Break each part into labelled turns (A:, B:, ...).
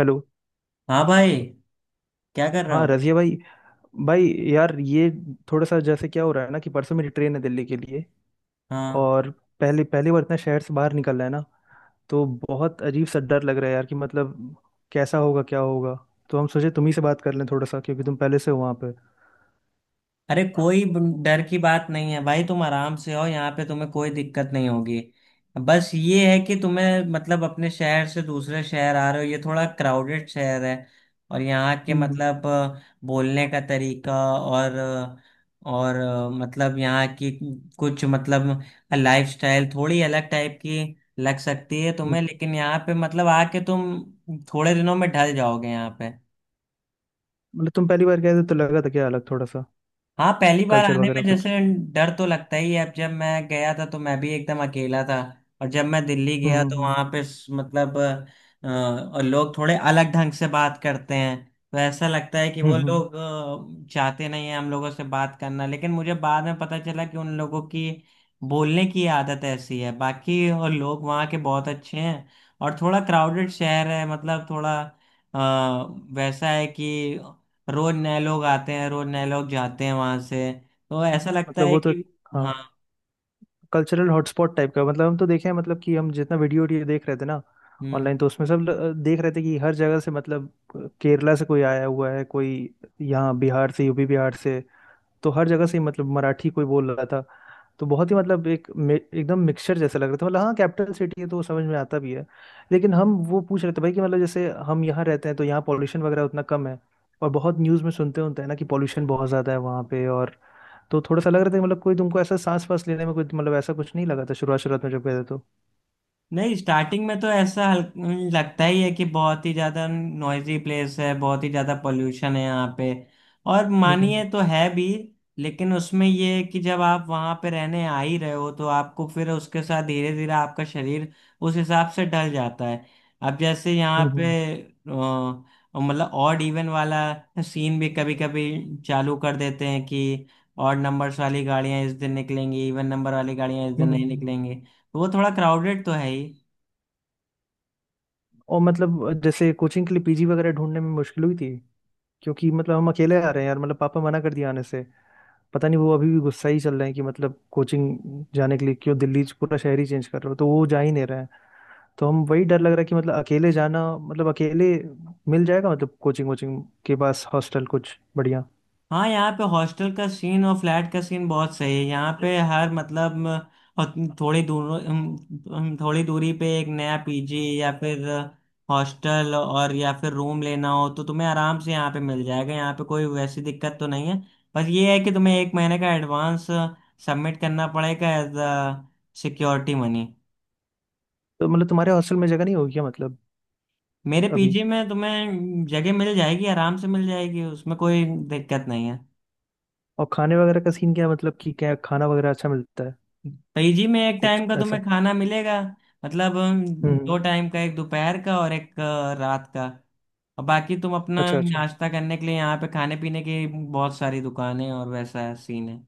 A: Hello.
B: हाँ भाई। क्या कर रहे
A: हाँ
B: हो?
A: रजिया भाई। भाई, यार, ये थोड़ा सा जैसे क्या हो रहा है ना कि परसों मेरी ट्रेन है दिल्ली के लिए।
B: हाँ,
A: और पहले पहली बार इतना शहर से बाहर निकल रहा है ना। तो बहुत अजीब सा डर लग रहा है यार कि मतलब कैसा होगा क्या होगा। तो हम सोचे तुम ही से बात कर लें थोड़ा सा क्योंकि तुम पहले से हो वहाँ पे।
B: अरे कोई डर की बात नहीं है भाई, तुम आराम से हो यहाँ पे, तुम्हें कोई दिक्कत नहीं होगी। बस ये है कि तुम्हें मतलब अपने शहर से दूसरे शहर आ रहे हो, ये थोड़ा क्राउडेड शहर है। और यहाँ के
A: हम्म हम्म
B: मतलब बोलने का तरीका और मतलब यहाँ की कुछ मतलब लाइफस्टाइल थोड़ी अलग टाइप की लग सकती है
A: हम्म।
B: तुम्हें, लेकिन यहाँ पे मतलब आके तुम थोड़े दिनों में ढल जाओगे यहाँ पे।
A: मतलब तुम पहली बार गए थे तो लगा था क्या अलग थोड़ा सा
B: हाँ, पहली बार
A: कल्चर
B: आने में
A: वगैरह कुछ।
B: जैसे डर तो लगता ही है। अब जब मैं गया था तो मैं भी एकदम अकेला था, और जब मैं दिल्ली
A: हम्म
B: गया
A: हम्म
B: तो
A: हम्म
B: वहाँ पे मतलब और लोग थोड़े अलग ढंग से बात करते हैं, तो ऐसा लगता है कि वो
A: हम्म हम्म,
B: लोग चाहते नहीं है हम लोगों से बात करना, लेकिन मुझे बाद में पता चला कि उन लोगों की बोलने की आदत ऐसी है, बाकी और लोग वहाँ के बहुत अच्छे हैं। और थोड़ा क्राउडेड शहर है, मतलब थोड़ा वैसा है कि रोज नए लोग आते हैं, रोज नए लोग जाते हैं वहां से, तो ऐसा लगता
A: मतलब
B: है
A: वो तो
B: कि। हाँ।
A: हाँ कल्चरल हॉटस्पॉट टाइप का मतलब हम तो देखे हैं, मतलब कि हम जितना वीडियो वीडियो देख रहे थे ना
B: हम्म।
A: ऑनलाइन, तो उसमें सब देख रहे थे कि हर जगह से मतलब केरला से कोई आया हुआ है, कोई यहाँ बिहार से, यूपी बिहार से, तो हर जगह से ही मतलब मराठी कोई बोल रहा था। तो बहुत ही मतलब एक एकदम मिक्सचर जैसा लग रहा था, मतलब हाँ कैपिटल सिटी है तो वो समझ में आता भी है। लेकिन हम वो पूछ रहे थे भाई कि मतलब जैसे हम यहाँ रहते हैं तो यहाँ पॉल्यूशन वगैरह उतना कम है, और बहुत न्यूज़ में सुनते होते हैं ना कि पॉल्यूशन बहुत ज़्यादा है वहाँ पे, और तो थोड़ा सा लग रहा था कि मतलब कोई तुमको ऐसा सांस वास लेने में कुछ, मतलब ऐसा कुछ नहीं लगा था शुरुआत शुरुआत में जब गए थे तो?
B: नहीं, स्टार्टिंग में तो ऐसा लगता ही है कि बहुत ही ज्यादा नॉइजी प्लेस है, बहुत ही ज्यादा पोल्यूशन है यहाँ पे, और मानिए
A: हम्म
B: तो है भी। लेकिन उसमें ये है कि जब आप वहाँ पे रहने आ ही रहे हो तो आपको फिर उसके साथ धीरे धीरे आपका शरीर उस हिसाब से ढल जाता है। अब जैसे यहाँ
A: हम्म
B: पे
A: हम्म,
B: मतलब ऑड इवन वाला सीन भी कभी कभी चालू कर देते हैं कि ऑड नंबर्स वाली गाड़ियाँ इस दिन निकलेंगी, इवन नंबर वाली गाड़ियाँ इस दिन
A: हम्म,
B: नहीं
A: हम्म।
B: निकलेंगी, तो वो थोड़ा क्राउडेड तो है ही।
A: और मतलब जैसे कोचिंग के लिए पीजी वगैरह ढूंढने में मुश्किल हुई थी, क्योंकि मतलब हम अकेले आ रहे हैं यार, मतलब पापा मना कर दिया आने से, पता नहीं वो अभी भी गुस्सा ही चल रहे हैं कि मतलब कोचिंग जाने के लिए क्यों दिल्ली से पूरा शहर ही चेंज कर रहे हो तो वो जा ही नहीं रहे हैं। तो हम वही डर लग रहा है कि मतलब अकेले जाना, मतलब अकेले मिल जाएगा मतलब कोचिंग वोचिंग के पास हॉस्टल कुछ बढ़िया?
B: हाँ, यहाँ पे हॉस्टल का सीन और फ्लैट का सीन बहुत सही है। यहाँ पे हर मतलब अ, थोड़ी दूर थोड़ी दूरी पे एक नया पीजी या फिर हॉस्टल और या फिर रूम लेना हो तो तुम्हें आराम से यहाँ पे मिल जाएगा, यहाँ पे कोई वैसी दिक्कत तो नहीं है। बस ये है कि तुम्हें एक महीने का एडवांस सबमिट करना पड़ेगा एज अ सिक्योरिटी मनी।
A: तो मतलब तुम्हारे हॉस्टल में जगह नहीं होगी क्या मतलब?
B: मेरे
A: अभी?
B: पीजी में तुम्हें जगह मिल जाएगी, आराम से मिल जाएगी, उसमें कोई दिक्कत नहीं है।
A: और खाने वगैरह का सीन क्या है? मतलब कि क्या खाना वगैरह अच्छा मिलता है
B: पीजी में एक
A: कुछ
B: टाइम का
A: ऐसा?
B: तुम्हें खाना मिलेगा, मतलब
A: हम्म।
B: दो टाइम का, एक दोपहर का और एक रात का। और बाकी तुम अपना
A: अच्छा, अच्छा,
B: नाश्ता करने के लिए यहाँ पे खाने पीने की बहुत सारी दुकानें और वैसा सीन है।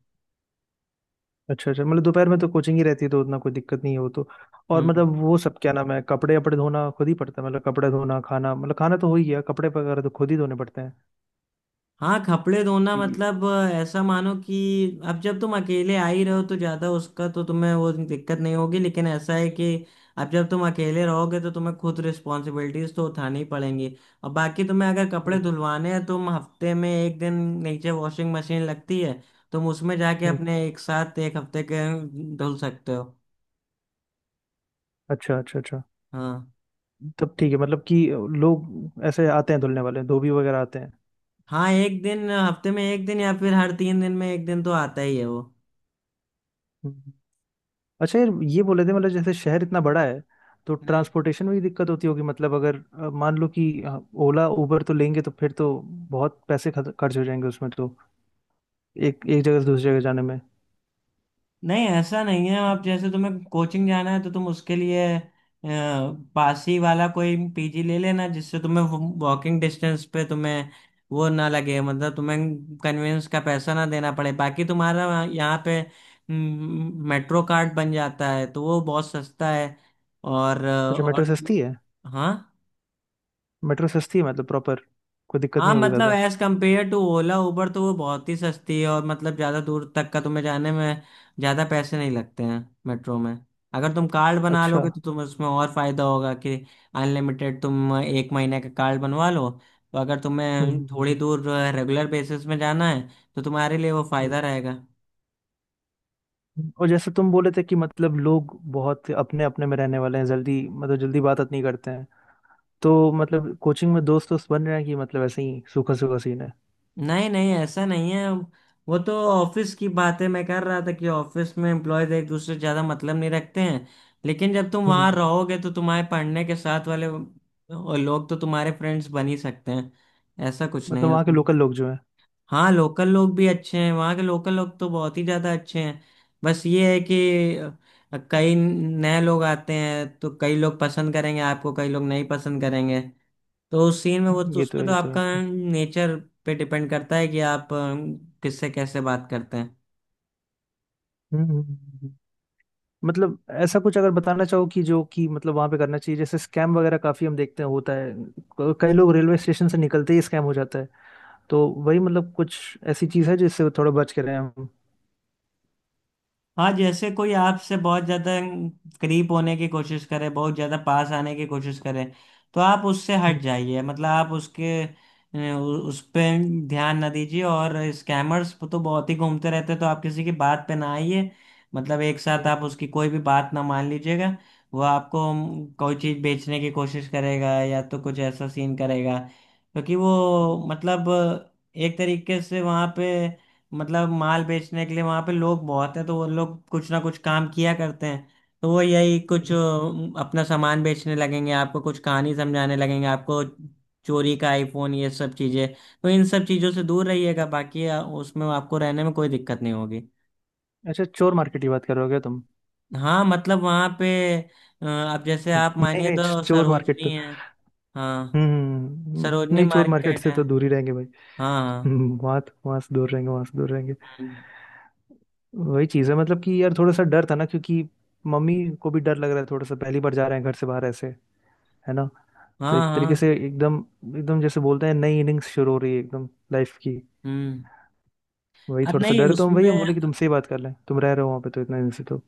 A: अच्छा। अच्छा, मतलब दोपहर में तो कोचिंग ही रहती है तो उतना कोई दिक्कत नहीं है वो तो। और
B: हम्म।
A: मतलब वो सब क्या नाम है कपड़े वपड़े धोना खुद ही पड़ता है, मतलब कपड़े धोना खाना, मतलब खाना तो हो ही गया, कपड़े वगैरह तो खुद ही धोने पड़ते हैं,
B: हाँ, कपड़े धोना
A: कि?
B: मतलब ऐसा मानो कि अब जब तुम अकेले आ ही रहे हो तो ज़्यादा उसका तो तुम्हें वो दिक्कत नहीं होगी, लेकिन ऐसा है कि अब जब तुम अकेले रहोगे तो तुम्हें खुद रिस्पॉन्सिबिलिटीज तो उठानी पड़ेंगी। और बाकी तुम्हें अगर कपड़े
A: हम्म
B: धुलवाने हैं तो तुम हफ्ते में एक दिन नीचे वॉशिंग मशीन लगती है, तुम उसमें जाके
A: हम्म,
B: अपने एक साथ एक हफ्ते के धुल सकते हो।
A: अच्छा अच्छा अच्छा।
B: हाँ
A: तब ठीक है, मतलब कि लोग ऐसे आते हैं धुलने वाले धोबी वगैरह आते
B: हाँ, एक दिन हफ्ते में, एक दिन या फिर हर तीन दिन में एक दिन तो आता ही है वो।
A: हैं? अच्छा, यार ये बोले थे मतलब जैसे शहर इतना बड़ा है तो ट्रांसपोर्टेशन में भी दिक्कत होती होगी मतलब, अगर मान लो कि ओला उबर तो लेंगे तो फिर तो बहुत पैसे खर्च खर्च हो जाएंगे उसमें तो, एक एक जगह से दूसरी जगह जाने में।
B: नहीं, ऐसा नहीं है, आप जैसे तुम्हें कोचिंग जाना है तो तुम उसके लिए पास ही वाला कोई पीजी ले लेना जिससे तुम्हें वॉकिंग डिस्टेंस पे तुम्हें वो ना लगे, मतलब तुम्हें कन्वेंस का पैसा ना देना पड़े। बाकी तुम्हारा यहाँ पे मेट्रो कार्ड बन जाता है तो वो बहुत सस्ता है। और अ,
A: अच्छा,
B: और
A: मेट्रो
B: तुम
A: सस्ती है?
B: हाँ।
A: मेट्रो सस्ती है मतलब प्रॉपर? कोई दिक्कत
B: हाँ,
A: नहीं होगी
B: मतलब
A: ज़्यादा?
B: As compare to Ola Uber तो वो बहुत ही सस्ती है, और मतलब ज़्यादा दूर तक का तुम्हें जाने में ज़्यादा पैसे नहीं लगते हैं मेट्रो में। अगर तुम कार्ड बना
A: अच्छा।
B: लोगे तो तुम उसमें और फायदा होगा कि अनलिमिटेड, तुम एक महीने का कार्ड बनवा लो तो अगर
A: हम्म
B: तुम्हें
A: हम्म,
B: थोड़ी
A: हम्म,
B: दूर रेगुलर बेसिस में जाना है तो तुम्हारे लिए वो
A: हम्म, हम्म।
B: फायदा रहेगा।
A: और जैसे तुम बोले थे कि मतलब लोग बहुत अपने अपने में रहने वाले हैं, जल्दी मतलब जल्दी बात नहीं करते हैं, तो मतलब कोचिंग में दोस्त दोस्त बन रहे हैं कि मतलब ऐसे ही सूखा सूखा सीन है?
B: नहीं नहीं, ऐसा नहीं है, वो तो ऑफिस की बातें मैं कर रहा था कि ऑफिस में एम्प्लॉयज एक दूसरे से ज्यादा मतलब नहीं रखते हैं। लेकिन जब तुम
A: हम्म।
B: वहां रहोगे तो तुम्हारे पढ़ने के साथ वाले वो लोग तो तुम्हारे फ्रेंड्स बन ही सकते हैं, ऐसा कुछ नहीं
A: मतलब
B: है
A: वहाँ के
B: उसमें।
A: लोकल लोग जो हैं?
B: हाँ, लोकल लोग भी अच्छे हैं, वहाँ के लोकल लोग तो बहुत ही ज्यादा अच्छे हैं। बस ये है कि कई नए लोग आते हैं तो कई लोग पसंद करेंगे आपको, कई लोग नहीं पसंद करेंगे। तो उस सीन में वो, तो
A: ये तो
B: उसमें तो
A: ये तो ये
B: आपका
A: तो
B: नेचर पे डिपेंड करता है कि आप किससे कैसे बात करते हैं।
A: हम्म। मतलब ऐसा कुछ अगर बताना चाहो कि जो कि मतलब वहां पे करना चाहिए, जैसे स्कैम वगैरह काफी हम देखते हैं होता है, कई लोग रेलवे स्टेशन से निकलते ही स्कैम हो जाता है, तो वही मतलब कुछ ऐसी चीज है जिससे थोड़ा बच के रहे हम?
B: हाँ, जैसे कोई आपसे बहुत ज्यादा करीब होने की कोशिश करे, बहुत ज्यादा पास आने की कोशिश करे, तो आप उससे हट
A: हम्म,
B: जाइए, मतलब आप उसके उस पे ध्यान ना दीजिए। और स्कैमर्स तो बहुत ही घूमते रहते हैं, तो आप किसी की बात पे ना आइए, मतलब एक साथ आप
A: हम्म,
B: उसकी कोई भी बात ना मान लीजिएगा। वो आपको कोई चीज बेचने की कोशिश करेगा या तो कुछ ऐसा सीन करेगा, क्योंकि
A: हम्म,
B: वो मतलब एक तरीके से वहाँ पे मतलब माल बेचने के लिए वहां पे लोग बहुत हैं, तो वो लोग कुछ ना कुछ काम किया करते हैं। तो वो यही कुछ
A: हम्म, हम्म।
B: अपना सामान बेचने लगेंगे आपको, कुछ कहानी समझाने लगेंगे आपको, चोरी का आईफोन, ये सब चीजें। तो इन सब चीजों से दूर रहिएगा, बाकी उसमें आपको रहने में कोई दिक्कत नहीं होगी।
A: अच्छा, चोर मार्केट की बात कर रहे हो क्या तुम?
B: हाँ, मतलब वहां पे अब जैसे आप
A: नहीं
B: मानिए
A: नहीं,
B: तो
A: चोर मार्केट तो।
B: सरोजनी है। हाँ, सरोजनी
A: नहीं चोर मार्केट
B: मार्केट
A: से
B: है।
A: तो दूर ही रहेंगे भाई।
B: हाँ
A: वहां वहां से दूर रहेंगे, वहां से दूर रहेंगे।
B: हाँ,
A: वही चीज है मतलब कि यार थोड़ा सा डर था ना, क्योंकि मम्मी को भी डर लग रहा है थोड़ा सा, पहली बार जा रहे हैं घर से बाहर ऐसे, है ना। तो
B: हाँ
A: एक तरीके
B: हाँ,
A: से एकदम एकदम जैसे बोलते हैं नई इनिंग्स शुरू हो रही है एकदम लाइफ की।
B: हम्म।
A: वही
B: अब
A: थोड़ा सा
B: नहीं
A: डर है, तो हम
B: उसमें।
A: बोले कि तुमसे ही बात कर लें, तुम रह रहे हो वहाँ पे तो इतने दिन से तो।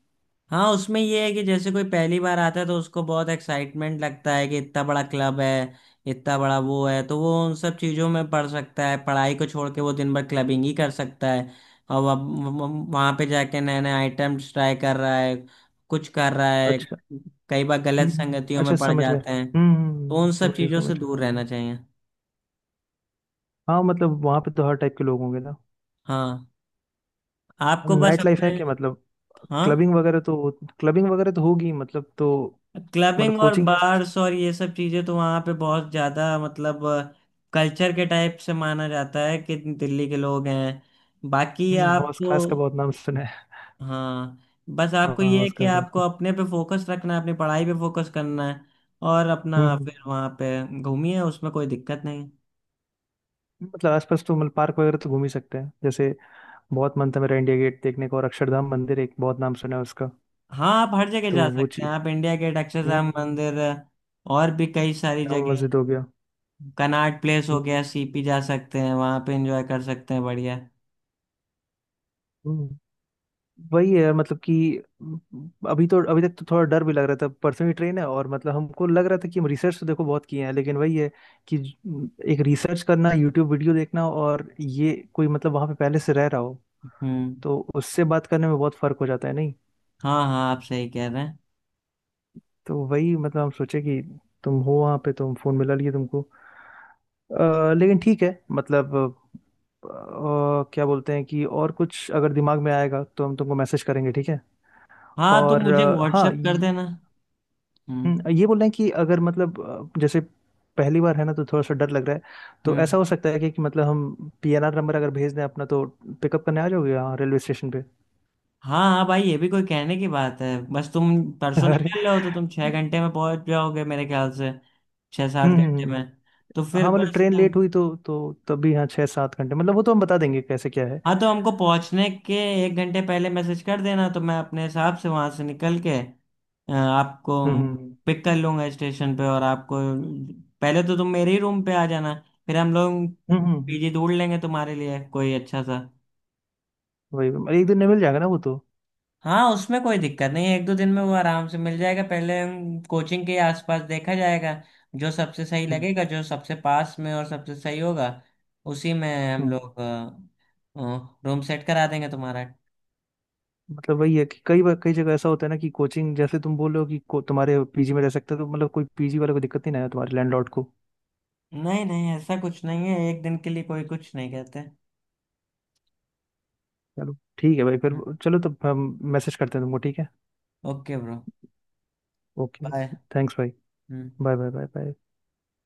B: हाँ, उसमें ये है कि जैसे कोई पहली बार आता है तो उसको बहुत एक्साइटमेंट लगता है कि इतना बड़ा क्लब है, इतना बड़ा वो है, तो वो उन सब चीज़ों में पढ़ सकता है, पढ़ाई को छोड़ के वो दिन भर क्लबिंग ही कर सकता है। और वह वहाँ पे जाके नए नए आइटम्स ट्राई कर रहा है, कुछ कर रहा है,
A: अच्छा।
B: कई बार गलत संगतियों में
A: अच्छा,
B: पड़
A: समझ गए।
B: जाते हैं, तो उन
A: समझ
B: सब
A: गए,
B: चीज़ों से
A: समझ गए,
B: दूर
A: समझ गए।
B: रहना चाहिए।
A: हाँ मतलब वहाँ पे तो हर टाइप के लोग होंगे ना।
B: हाँ, आपको बस
A: नाइट लाइफ है
B: अपने।
A: क्या मतलब?
B: हाँ,
A: क्लबिंग वगैरह तो? क्लबिंग वगैरह तो होगी मतलब तो? मतलब
B: क्लबिंग और
A: कोचिंग के आसपास?
B: बार्स और ये सब चीजें तो वहां पे बहुत ज्यादा मतलब कल्चर के टाइप से माना जाता है कि दिल्ली के लोग हैं। बाकी
A: हम्म, हौस
B: आपको
A: खास का बहुत नाम सुना है।
B: हाँ, बस
A: हाँ
B: आपको
A: हाँ,
B: ये है कि
A: उसका उसका
B: आपको
A: उसका।
B: अपने पे फोकस रखना है, अपनी पढ़ाई पे फोकस करना है, और अपना फिर
A: हम्म।
B: वहां पे घूमिए, उसमें कोई दिक्कत नहीं।
A: मतलब आसपास तो मतलब पार्क वगैरह तो घूम ही सकते हैं जैसे। बहुत मन था मेरा इंडिया गेट देखने का, और अक्षरधाम मंदिर, एक बहुत नाम सुना है उसका।
B: हाँ, आप हर जगह
A: तो
B: जा
A: वो
B: सकते हैं,
A: चीज।
B: आप इंडिया गेट,
A: हम्म
B: अक्षरधाम
A: हम्म, हम्म।
B: मंदिर और भी कई सारी
A: जामा
B: जगह,
A: मस्जिद हो गया।
B: कनॉट प्लेस हो
A: हम्म
B: गया, सीपी जा सकते हैं, वहां पे एंजॉय कर सकते हैं, बढ़िया।
A: हम्म। वही है मतलब कि अभी तक तो थोड़ा डर भी लग रहा था, परसों ही ट्रेन है, और मतलब हमको लग रहा था कि हम रिसर्च तो देखो बहुत किए हैं, लेकिन वही है कि एक रिसर्च करना, यूट्यूब वीडियो देखना, और ये कोई मतलब वहां पे पहले से रह रहा हो
B: हम्म।
A: तो उससे बात करने में बहुत फर्क हो जाता है।
B: हाँ हाँ, आप सही कह रहे हैं।
A: तो वही मतलब हम सोचे कि तुम हो वहाँ पे, तुम फोन मिला लिए तुमको। लेकिन ठीक है मतलब, अ, क्या बोलते हैं कि और कुछ अगर दिमाग में आएगा तो हम तुमको मैसेज करेंगे, ठीक है।
B: हाँ, तो
A: और
B: मुझे
A: हाँ
B: व्हाट्सएप कर देना। हम्म।
A: ये बोल रहे हैं कि अगर मतलब, जैसे पहली बार है ना तो थोड़ा सा डर लग रहा है, तो
B: हम्म।
A: ऐसा हो सकता है कि मतलब हम पीएनआर नंबर अगर भेज दें अपना तो पिकअप करने आ जाओगे यहाँ रेलवे स्टेशन पे?
B: हाँ हाँ भाई, ये भी कोई कहने की बात है। बस तुम परसों
A: अरे।
B: निकल रहे हो तो तुम छह घंटे में पहुंच जाओगे मेरे ख्याल से, छह सात
A: हम्म हम्म,
B: घंटे
A: हम्म।
B: में। तो फिर
A: हाँ मतलब
B: बस
A: ट्रेन लेट हुई तो तब भी, हाँ 6-7 घंटे मतलब, वो तो हम बता देंगे कैसे क्या है।
B: हाँ, तो हमको पहुंचने के एक घंटे पहले मैसेज कर देना तो मैं अपने हिसाब से वहां से निकल के आपको
A: हम्म हम्म
B: पिक कर लूंगा स्टेशन पे। और आपको पहले तो तुम मेरे ही रूम पे आ जाना, फिर हम लोग
A: हम्म हम्म,
B: पीजी ढूंढ लेंगे तुम्हारे लिए कोई अच्छा सा।
A: वही वही। मतलब एक दिन में मिल जाएगा ना वो तो?
B: हाँ, उसमें कोई दिक्कत नहीं है, एक दो दिन में वो आराम से मिल जाएगा, पहले हम कोचिंग के आसपास देखा जाएगा, जो सबसे सही
A: हम्म
B: लगेगा, जो सबसे पास में और सबसे सही होगा उसी में हम
A: हम्म।
B: लोग रूम सेट करा देंगे तुम्हारा।
A: मतलब वही है कि कई बार कई जगह ऐसा होता है ना कि कोचिंग जैसे तुम बोल रहे हो कि तुम्हारे पीजी में रह सकते हो तो मतलब कोई पीजी वाले को दिक्कत नहीं ना है तुम्हारे लैंडलॉर्ड को?
B: नहीं नहीं, ऐसा कुछ नहीं है, एक दिन के लिए कोई कुछ नहीं कहते।
A: चलो ठीक है भाई फिर। चलो तब हम मैसेज करते हैं तुमको, ठीक है।
B: Okay bro,
A: okay.
B: Bye.
A: Thanks भाई। Bye bye bye bye.